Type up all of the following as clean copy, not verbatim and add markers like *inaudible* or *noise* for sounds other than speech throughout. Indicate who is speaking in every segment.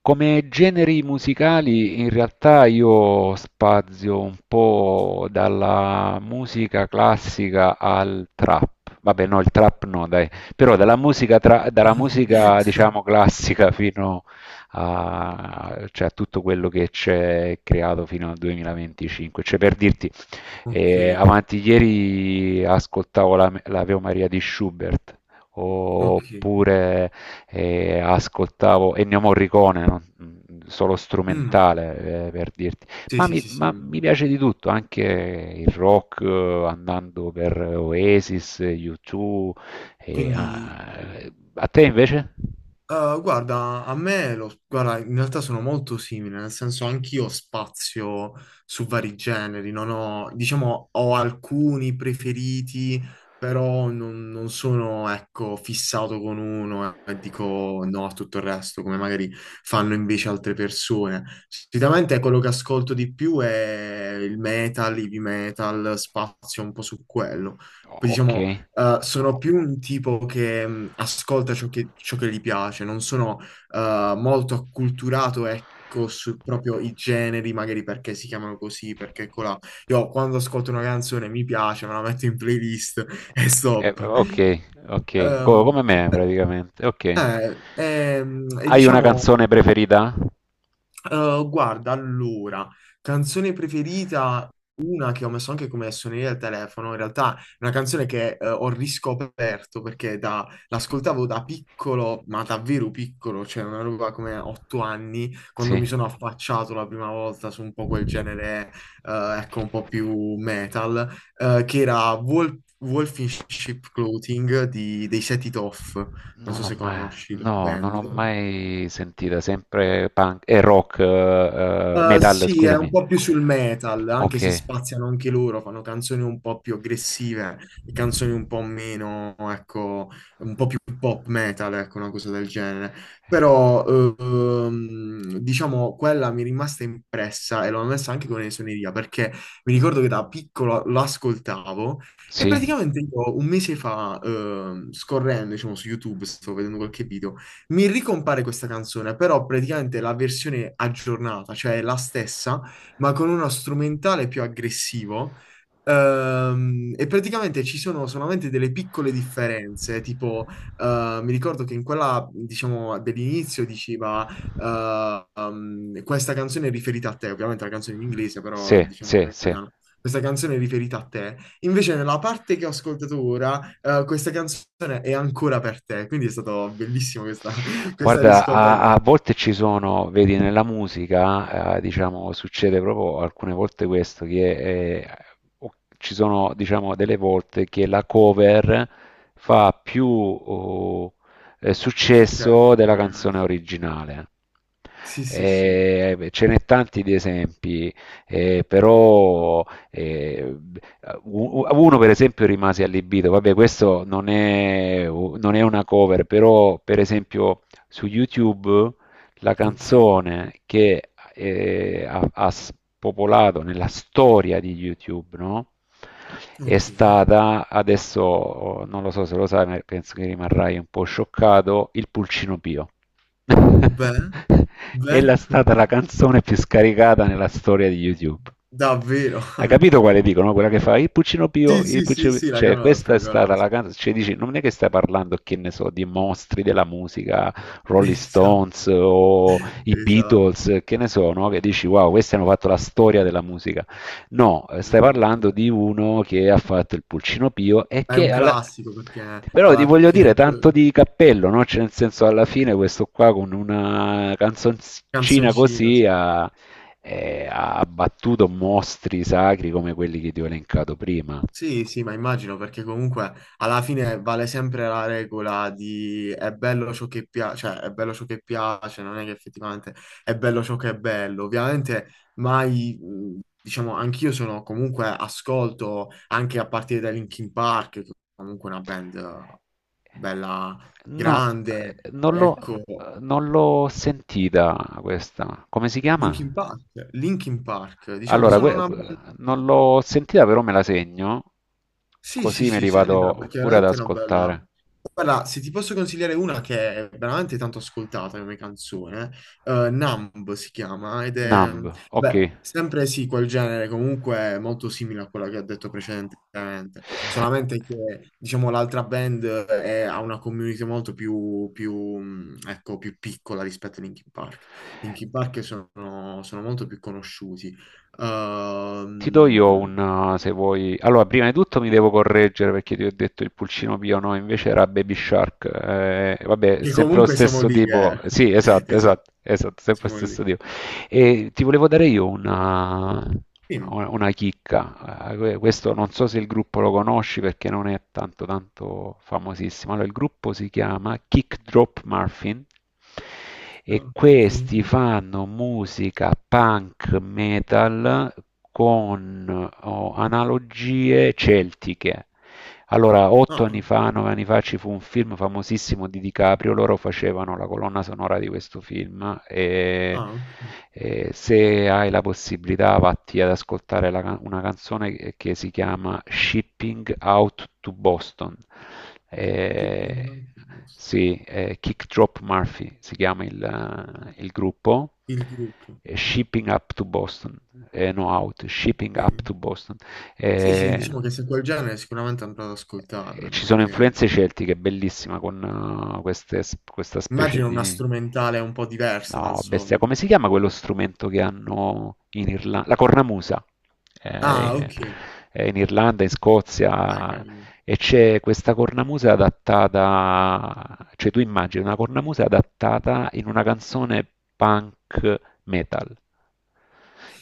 Speaker 1: Come generi musicali in realtà io spazio un po' dalla musica classica al trap. Vabbè, no, il trap no, dai. Però dalla musica, dalla musica
Speaker 2: *laughs*
Speaker 1: diciamo classica *laughs* fino a, cioè, a tutto quello che c'è creato fino al 2025. Cioè, per dirti,
Speaker 2: Ok,
Speaker 1: e avanti ieri ascoltavo l'Ave Maria di Schubert,
Speaker 2: ok.
Speaker 1: oppure ascoltavo Ennio Morricone, solo
Speaker 2: Mm,
Speaker 1: strumentale per dirti,
Speaker 2: Sì,
Speaker 1: ma
Speaker 2: sì,
Speaker 1: mi,
Speaker 2: sì,
Speaker 1: ma
Speaker 2: sì.
Speaker 1: mi piace di tutto, anche il rock, andando per Oasis, U2. eh,
Speaker 2: Quindi
Speaker 1: ah, A te invece?
Speaker 2: Guarda, guarda, in realtà sono molto simile, nel senso anch'io spazio su vari generi, non ho, diciamo, ho alcuni preferiti, però non sono, ecco, fissato con uno e dico no a tutto il resto, come magari fanno invece altre persone. Sicuramente quello che ascolto di più è il metal, heavy metal, spazio un po' su quello. Poi
Speaker 1: Ok.
Speaker 2: diciamo, sono più un tipo che ascolta ciò che gli piace, non sono molto acculturato, ecco, su proprio i generi, magari perché si chiamano così, perché colà. Io quando ascolto una canzone mi piace, me la metto in playlist *laughs* e stop.
Speaker 1: Ok, ok,
Speaker 2: Um,
Speaker 1: come me
Speaker 2: eh,
Speaker 1: praticamente, ok.
Speaker 2: e
Speaker 1: Hai una
Speaker 2: diciamo.
Speaker 1: canzone preferita?
Speaker 2: Guarda, allora, canzone preferita, una che ho messo anche come suoneria al telefono, in realtà è una canzone che ho riscoperto perché l'ascoltavo da piccolo, ma davvero piccolo, cioè una roba come 8 anni, quando mi
Speaker 1: Sì.
Speaker 2: sono affacciato la prima volta su un po' quel genere, ecco, un po' più metal, che era Wolf, Wolf in Sheep Clothing dei Set It Off, non
Speaker 1: Non
Speaker 2: so
Speaker 1: l'ho
Speaker 2: se
Speaker 1: mai,
Speaker 2: conosci la
Speaker 1: no, non
Speaker 2: band.
Speaker 1: l'ho mai sentita, sempre punk e rock, metal,
Speaker 2: Sì, è un
Speaker 1: scusami.
Speaker 2: po' più sul metal, anche
Speaker 1: Ok,
Speaker 2: se spaziano anche loro, fanno canzoni un po' più aggressive e canzoni un po' meno, ecco, un po' più pop metal, ecco, una cosa del genere. Però, diciamo, quella mi è rimasta impressa e l'ho messa anche come suoneria, perché mi ricordo che da piccolo l'ascoltavo e
Speaker 1: sì,
Speaker 2: praticamente io un mese fa, scorrendo, diciamo, su YouTube, stavo vedendo qualche video, mi ricompare questa canzone, però praticamente la versione aggiornata, cioè la stessa, ma con uno strumentale più aggressivo. E praticamente ci sono solamente delle piccole differenze, tipo mi ricordo che in quella, diciamo, dell'inizio diceva questa canzone è riferita a te, ovviamente la canzone in inglese, però
Speaker 1: sì,
Speaker 2: diciamo
Speaker 1: sì,
Speaker 2: in
Speaker 1: sì.
Speaker 2: italiano, questa canzone è riferita a te. Invece nella parte che ho ascoltato ora questa canzone è ancora per te, quindi è stato bellissimo questa, *laughs* questa
Speaker 1: Guarda,
Speaker 2: riscoperta.
Speaker 1: a volte ci sono, vedi, nella musica, diciamo, succede proprio alcune volte questo, che eh, ci sono, diciamo, delle volte che la cover fa più
Speaker 2: Successo,
Speaker 1: successo della
Speaker 2: magari.
Speaker 1: canzone originale.
Speaker 2: Sì, sì, sì.
Speaker 1: Beh, ce n'è tanti di esempi, però eh, uno per esempio rimase allibito, vabbè questo non è una cover, però per esempio su YouTube la
Speaker 2: Ok,
Speaker 1: canzone che ha spopolato nella storia di YouTube, no? È
Speaker 2: ok.
Speaker 1: stata, adesso non lo so se lo sai, ma penso che rimarrai un po' scioccato, il Pulcino Pio. *laughs*
Speaker 2: Beh, beh,
Speaker 1: Ella è stata la
Speaker 2: *laughs*
Speaker 1: canzone più scaricata nella storia di YouTube.
Speaker 2: davvero. *laughs*
Speaker 1: Hai capito quale
Speaker 2: Allucina.
Speaker 1: dico, no? Quella che fa il Puccino Pio,
Speaker 2: Sì,
Speaker 1: il
Speaker 2: sì, sì,
Speaker 1: Puccino Pio.
Speaker 2: sì, la
Speaker 1: Cioè,
Speaker 2: conosco,
Speaker 1: questa è
Speaker 2: la
Speaker 1: stata la
Speaker 2: conosco.
Speaker 1: canzone. Cioè, dici, non è che stai parlando, che ne so, di mostri della musica,
Speaker 2: *laughs*
Speaker 1: Rolling
Speaker 2: Esatto,
Speaker 1: Stones o i
Speaker 2: esatto.
Speaker 1: Beatles, che ne so, no? Che dici, wow, questi hanno fatto la storia della musica. No, stai
Speaker 2: No,
Speaker 1: parlando
Speaker 2: vabbè.
Speaker 1: di uno che ha fatto il Pulcino Pio.
Speaker 2: È un classico perché
Speaker 1: Però ti
Speaker 2: alla
Speaker 1: voglio dire
Speaker 2: fine cioè,
Speaker 1: tanto di cappello, no? Cioè, nel senso alla fine questo qua con una canzoncina
Speaker 2: canzoncino,
Speaker 1: così
Speaker 2: sì.
Speaker 1: ha battuto mostri sacri come quelli che ti ho elencato prima.
Speaker 2: Sì, sì, ma immagino perché comunque alla fine vale sempre la regola di è bello ciò che piace, cioè è bello ciò che piace, non è che effettivamente è bello ciò che è bello. Ovviamente mai, diciamo, anch'io sono comunque ascolto anche a partire da Linkin Park, che è comunque una band bella
Speaker 1: No, eh,
Speaker 2: grande,
Speaker 1: non l'ho
Speaker 2: ecco,
Speaker 1: non l'ho sentita questa. Come si
Speaker 2: Linkin
Speaker 1: chiama?
Speaker 2: Park, Linkin Park, diciamo,
Speaker 1: Allora,
Speaker 2: sono una
Speaker 1: non
Speaker 2: band.
Speaker 1: l'ho sentita, però me la segno,
Speaker 2: Sì, sì,
Speaker 1: così me
Speaker 2: sì,
Speaker 1: li
Speaker 2: sentitela
Speaker 1: vado
Speaker 2: perché
Speaker 1: pure ad
Speaker 2: veramente è una bella...
Speaker 1: ascoltare.
Speaker 2: Guarda, se ti posso consigliare una che è veramente tanto ascoltata come canzone, Numb si chiama, ed è,
Speaker 1: Numb, ok.
Speaker 2: vabbè, sempre sì, quel genere, comunque molto simile a quella che ho detto precedentemente, solamente che, diciamo, ha una community molto più, ecco, più piccola rispetto a Linkin Park. Linkin Park sono molto più conosciuti.
Speaker 1: Ti do
Speaker 2: Ehm
Speaker 1: io se vuoi. Allora, prima di tutto mi devo correggere perché ti ho detto il pulcino pio, no, invece era Baby Shark. Vabbè, è
Speaker 2: Che
Speaker 1: sempre lo
Speaker 2: comunque siamo
Speaker 1: stesso
Speaker 2: lì,
Speaker 1: tipo.
Speaker 2: eh.
Speaker 1: Sì,
Speaker 2: *laughs*
Speaker 1: esatto,
Speaker 2: Esatto,
Speaker 1: esatto, esatto, sempre lo
Speaker 2: siamo lì.
Speaker 1: stesso tipo. E ti volevo dare io una,
Speaker 2: Dimmi.
Speaker 1: una chicca. Questo non so se il gruppo lo conosci perché non è tanto tanto famosissimo. Allora, il gruppo si chiama Kick Drop Muffin e
Speaker 2: No,
Speaker 1: questi
Speaker 2: ok.
Speaker 1: fanno musica punk metal con analogie celtiche. Allora, otto
Speaker 2: Ah,
Speaker 1: anni fa, 9 anni fa, ci fu un film famosissimo di DiCaprio, loro facevano la colonna sonora di questo film e,
Speaker 2: ah, ok.
Speaker 1: e se hai la possibilità vatti ad ascoltare una canzone che si chiama Shipping Out to Boston. Eh,
Speaker 2: Keeping up the ghost.
Speaker 1: sì, Kick Drop Murphy si chiama il gruppo.
Speaker 2: Il gruppo.
Speaker 1: Shipping Up to Boston, no out, Shipping Up
Speaker 2: Ok.
Speaker 1: to Boston.
Speaker 2: Sì, sì,
Speaker 1: Eh,
Speaker 2: diciamo che se quel genere sicuramente andrò ad
Speaker 1: e
Speaker 2: ascoltarmela,
Speaker 1: ci sono
Speaker 2: perché
Speaker 1: influenze celtiche, bellissima con queste questa specie
Speaker 2: immagino una
Speaker 1: di.
Speaker 2: strumentale un po' diversa dal
Speaker 1: No, bestia,
Speaker 2: solito.
Speaker 1: come si chiama quello strumento che hanno in Irlanda? La cornamusa.
Speaker 2: Ah,
Speaker 1: Eh,
Speaker 2: ok.
Speaker 1: è in Irlanda, in
Speaker 2: Beh,
Speaker 1: Scozia,
Speaker 2: carino.
Speaker 1: e c'è questa cornamusa adattata, cioè tu immagini una cornamusa adattata in una canzone punk metal.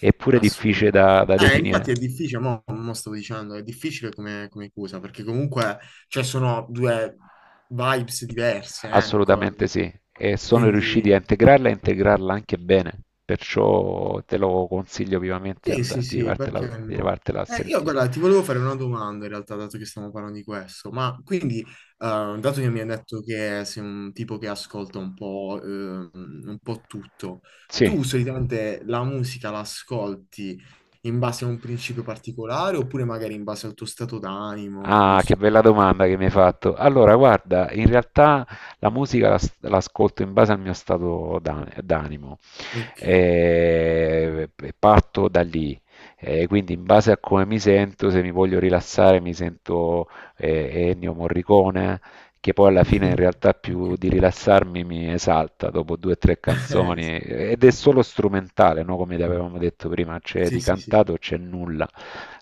Speaker 1: Eppure è difficile
Speaker 2: Assurdo.
Speaker 1: da
Speaker 2: Infatti è
Speaker 1: definire.
Speaker 2: difficile, mo, mo stavo dicendo, è difficile come, come cosa, perché comunque, cioè, sono due vibes diverse, ecco.
Speaker 1: Assolutamente
Speaker 2: Ecco.
Speaker 1: sì, e sono riusciti a
Speaker 2: Quindi...
Speaker 1: integrarla e integrarla anche bene, perciò te lo consiglio vivamente
Speaker 2: Sì, sì,
Speaker 1: di
Speaker 2: sì,
Speaker 1: vartela,
Speaker 2: perché
Speaker 1: di
Speaker 2: no?
Speaker 1: vartela a
Speaker 2: Io,
Speaker 1: sentire.
Speaker 2: guarda, ti volevo fare una domanda in realtà, dato che stiamo parlando di questo, ma quindi, dato che mi hai detto che sei un tipo che ascolta un po' tutto,
Speaker 1: Sì.
Speaker 2: tu solitamente la musica la ascolti in base a un principio particolare oppure magari in base al tuo stato d'animo, non
Speaker 1: Ah, che
Speaker 2: so.
Speaker 1: bella domanda che mi hai fatto. Allora, guarda, in realtà la musica l'ascolto in base al mio stato d'animo.
Speaker 2: Ok.
Speaker 1: E parto da lì. E quindi in base a come mi sento, se mi voglio rilassare, mi sento Ennio Morricone, che poi alla fine in
Speaker 2: Mm,
Speaker 1: realtà più
Speaker 2: Ok.
Speaker 1: di rilassarmi mi esalta dopo due o tre
Speaker 2: *laughs* Eh,
Speaker 1: canzoni ed è solo strumentale, no? Come avevamo detto prima, c'è
Speaker 2: sì,
Speaker 1: di
Speaker 2: sì, sì, sì. sì.
Speaker 1: cantato c'è nulla.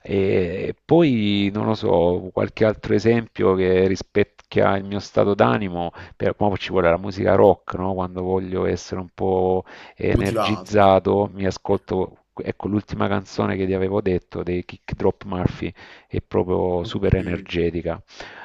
Speaker 1: E poi non lo so, qualche altro esempio che rispecchia il mio stato d'animo, mo ci vuole la musica rock, no? Quando voglio essere un po'
Speaker 2: Motivato,
Speaker 1: energizzato,
Speaker 2: ecco.
Speaker 1: mi ascolto, ecco l'ultima canzone che ti avevo detto dei Kick Drop Murphy, è proprio super
Speaker 2: Ok.
Speaker 1: energetica.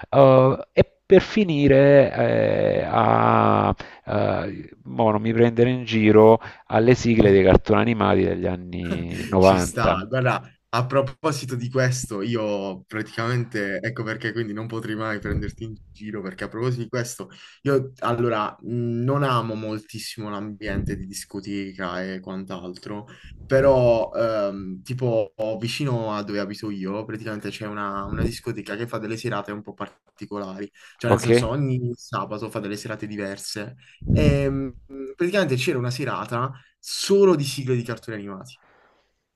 Speaker 1: E per finire, mo non mi prendere in giro, alle
Speaker 2: Ok.
Speaker 1: sigle dei cartoni animati degli anni
Speaker 2: Ci
Speaker 1: 90.
Speaker 2: sta. Guarda, a proposito di questo, io praticamente, ecco perché quindi non potrei mai prenderti in giro, perché a proposito di questo, io allora non amo moltissimo l'ambiente di discoteca e quant'altro, però tipo vicino a dove abito io, praticamente c'è una discoteca che fa delle serate un po' particolari, cioè nel
Speaker 1: Ok?
Speaker 2: senso ogni sabato fa delle serate diverse. E, mh, praticamente c'era una serata solo di sigle di cartoni animati.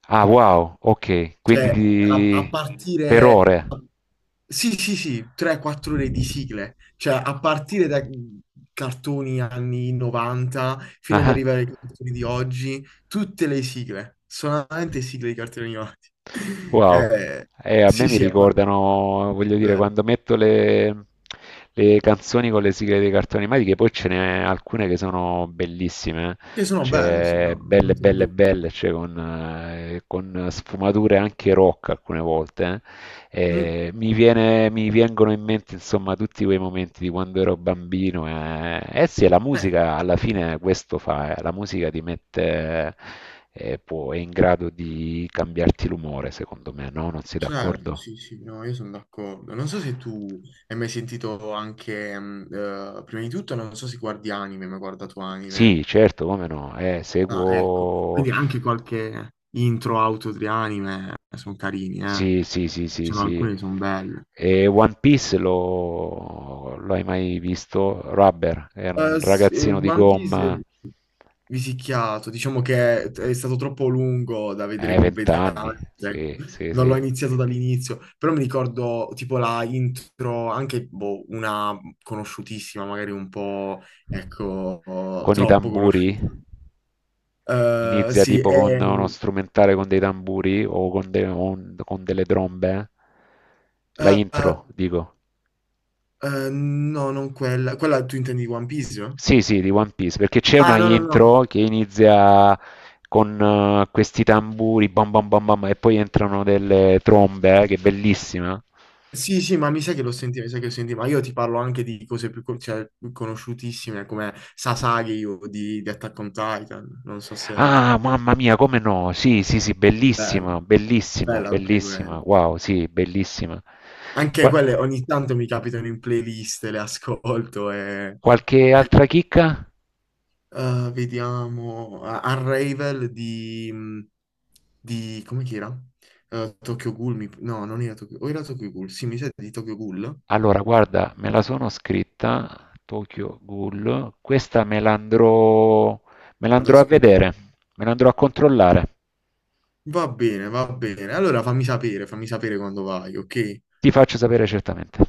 Speaker 1: Ah, wow, ok,
Speaker 2: Cioè, a
Speaker 1: Per
Speaker 2: partire...
Speaker 1: ore.
Speaker 2: sì, sì, sì, 3-4 ore di sigle. Cioè, a partire da cartoni anni 90 fino ad arrivare ai cartoni di oggi, tutte le sigle, solamente sigle di cartoni animati. *laughs*
Speaker 1: Wow,
Speaker 2: Eh,
Speaker 1: a me
Speaker 2: sì,
Speaker 1: mi
Speaker 2: sì, è pa-
Speaker 1: ricordano, voglio dire,
Speaker 2: bello.
Speaker 1: quando metto le canzoni con le sigle dei cartoni animati, che poi ce n'è alcune che sono bellissime,
Speaker 2: Che
Speaker 1: eh.
Speaker 2: sono belle, sì,
Speaker 1: C'è
Speaker 2: no, non lo
Speaker 1: belle,
Speaker 2: metto in
Speaker 1: belle,
Speaker 2: dubbio.
Speaker 1: belle, cioè con sfumature anche rock alcune volte.
Speaker 2: Mm,
Speaker 1: Mi vengono in mente insomma tutti quei momenti di quando ero bambino. Eh sì, la
Speaker 2: eh,
Speaker 1: musica alla fine questo fa. La musica è in grado di cambiarti l'umore, secondo me, no? Non sei
Speaker 2: Certo,
Speaker 1: d'accordo?
Speaker 2: sì, sì, no, io sono d'accordo. Non so se tu hai mai sentito anche, prima di tutto, non so se guardi anime, ma hai guardato anime.
Speaker 1: Sì, certo, come no?
Speaker 2: Ah, ecco,
Speaker 1: Seguo.
Speaker 2: quindi anche qualche intro auto di anime sono carini, eh.
Speaker 1: Sì, sì, sì, sì,
Speaker 2: Ci sono
Speaker 1: sì.
Speaker 2: alcune che sono belle.
Speaker 1: E One Piece lo hai mai visto? Rubber, è un ragazzino di
Speaker 2: One
Speaker 1: gomma.
Speaker 2: Piece Visicchiato, diciamo che è stato troppo lungo da vedere
Speaker 1: 20 anni,
Speaker 2: completamente, ecco.
Speaker 1: sì, sì,
Speaker 2: Non l'ho
Speaker 1: sì.
Speaker 2: iniziato dall'inizio, però mi ricordo tipo la intro, anche boh, una conosciutissima, magari un po', ecco,
Speaker 1: Con i
Speaker 2: troppo
Speaker 1: tamburi?
Speaker 2: conosciuta. Eh,
Speaker 1: Inizia
Speaker 2: sì,
Speaker 1: tipo
Speaker 2: è,
Speaker 1: con uno
Speaker 2: eh,
Speaker 1: strumentale con dei tamburi o con, de- o un- con delle trombe? La
Speaker 2: eh,
Speaker 1: intro, dico.
Speaker 2: no, non quella, quella tu intendi di One Piece? No?
Speaker 1: Sì, sì, di One Piece, perché c'è una
Speaker 2: Ah, no, no, no.
Speaker 1: intro che inizia con questi tamburi, bam bam bam bam, e poi entrano delle trombe, che è bellissima.
Speaker 2: Sì, sì, mi sa che lo senti, ma io ti parlo anche di cose più, cioè, più conosciutissime come Sasagi di Attack on Titan, non so se...
Speaker 1: Ah, mamma mia, come no? Sì, sì, sì,
Speaker 2: Bello,
Speaker 1: bellissima, bellissima,
Speaker 2: bello anche
Speaker 1: bellissima.
Speaker 2: quello.
Speaker 1: Wow, sì, bellissima.
Speaker 2: Anche
Speaker 1: Qua-
Speaker 2: quelle ogni tanto mi capitano in playlist, le ascolto e...
Speaker 1: Qualche
Speaker 2: qui-
Speaker 1: altra chicca?
Speaker 2: vediamo... Unravel di... come che era? Tokyo Ghoul, no, non era Tokyo... o era Tokyo Ghoul, sì, mi sa di Tokyo Ghoul,
Speaker 1: Allora, guarda, me la sono scritta, Tokyo Ghoul. Questa me la
Speaker 2: ad
Speaker 1: andrò a vedere,
Speaker 2: ascoltare.
Speaker 1: me la andrò a controllare.
Speaker 2: Va bene, va bene. Allora fammi sapere quando vai, ok?
Speaker 1: Ti faccio sapere certamente.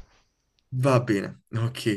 Speaker 2: Va bene, ok.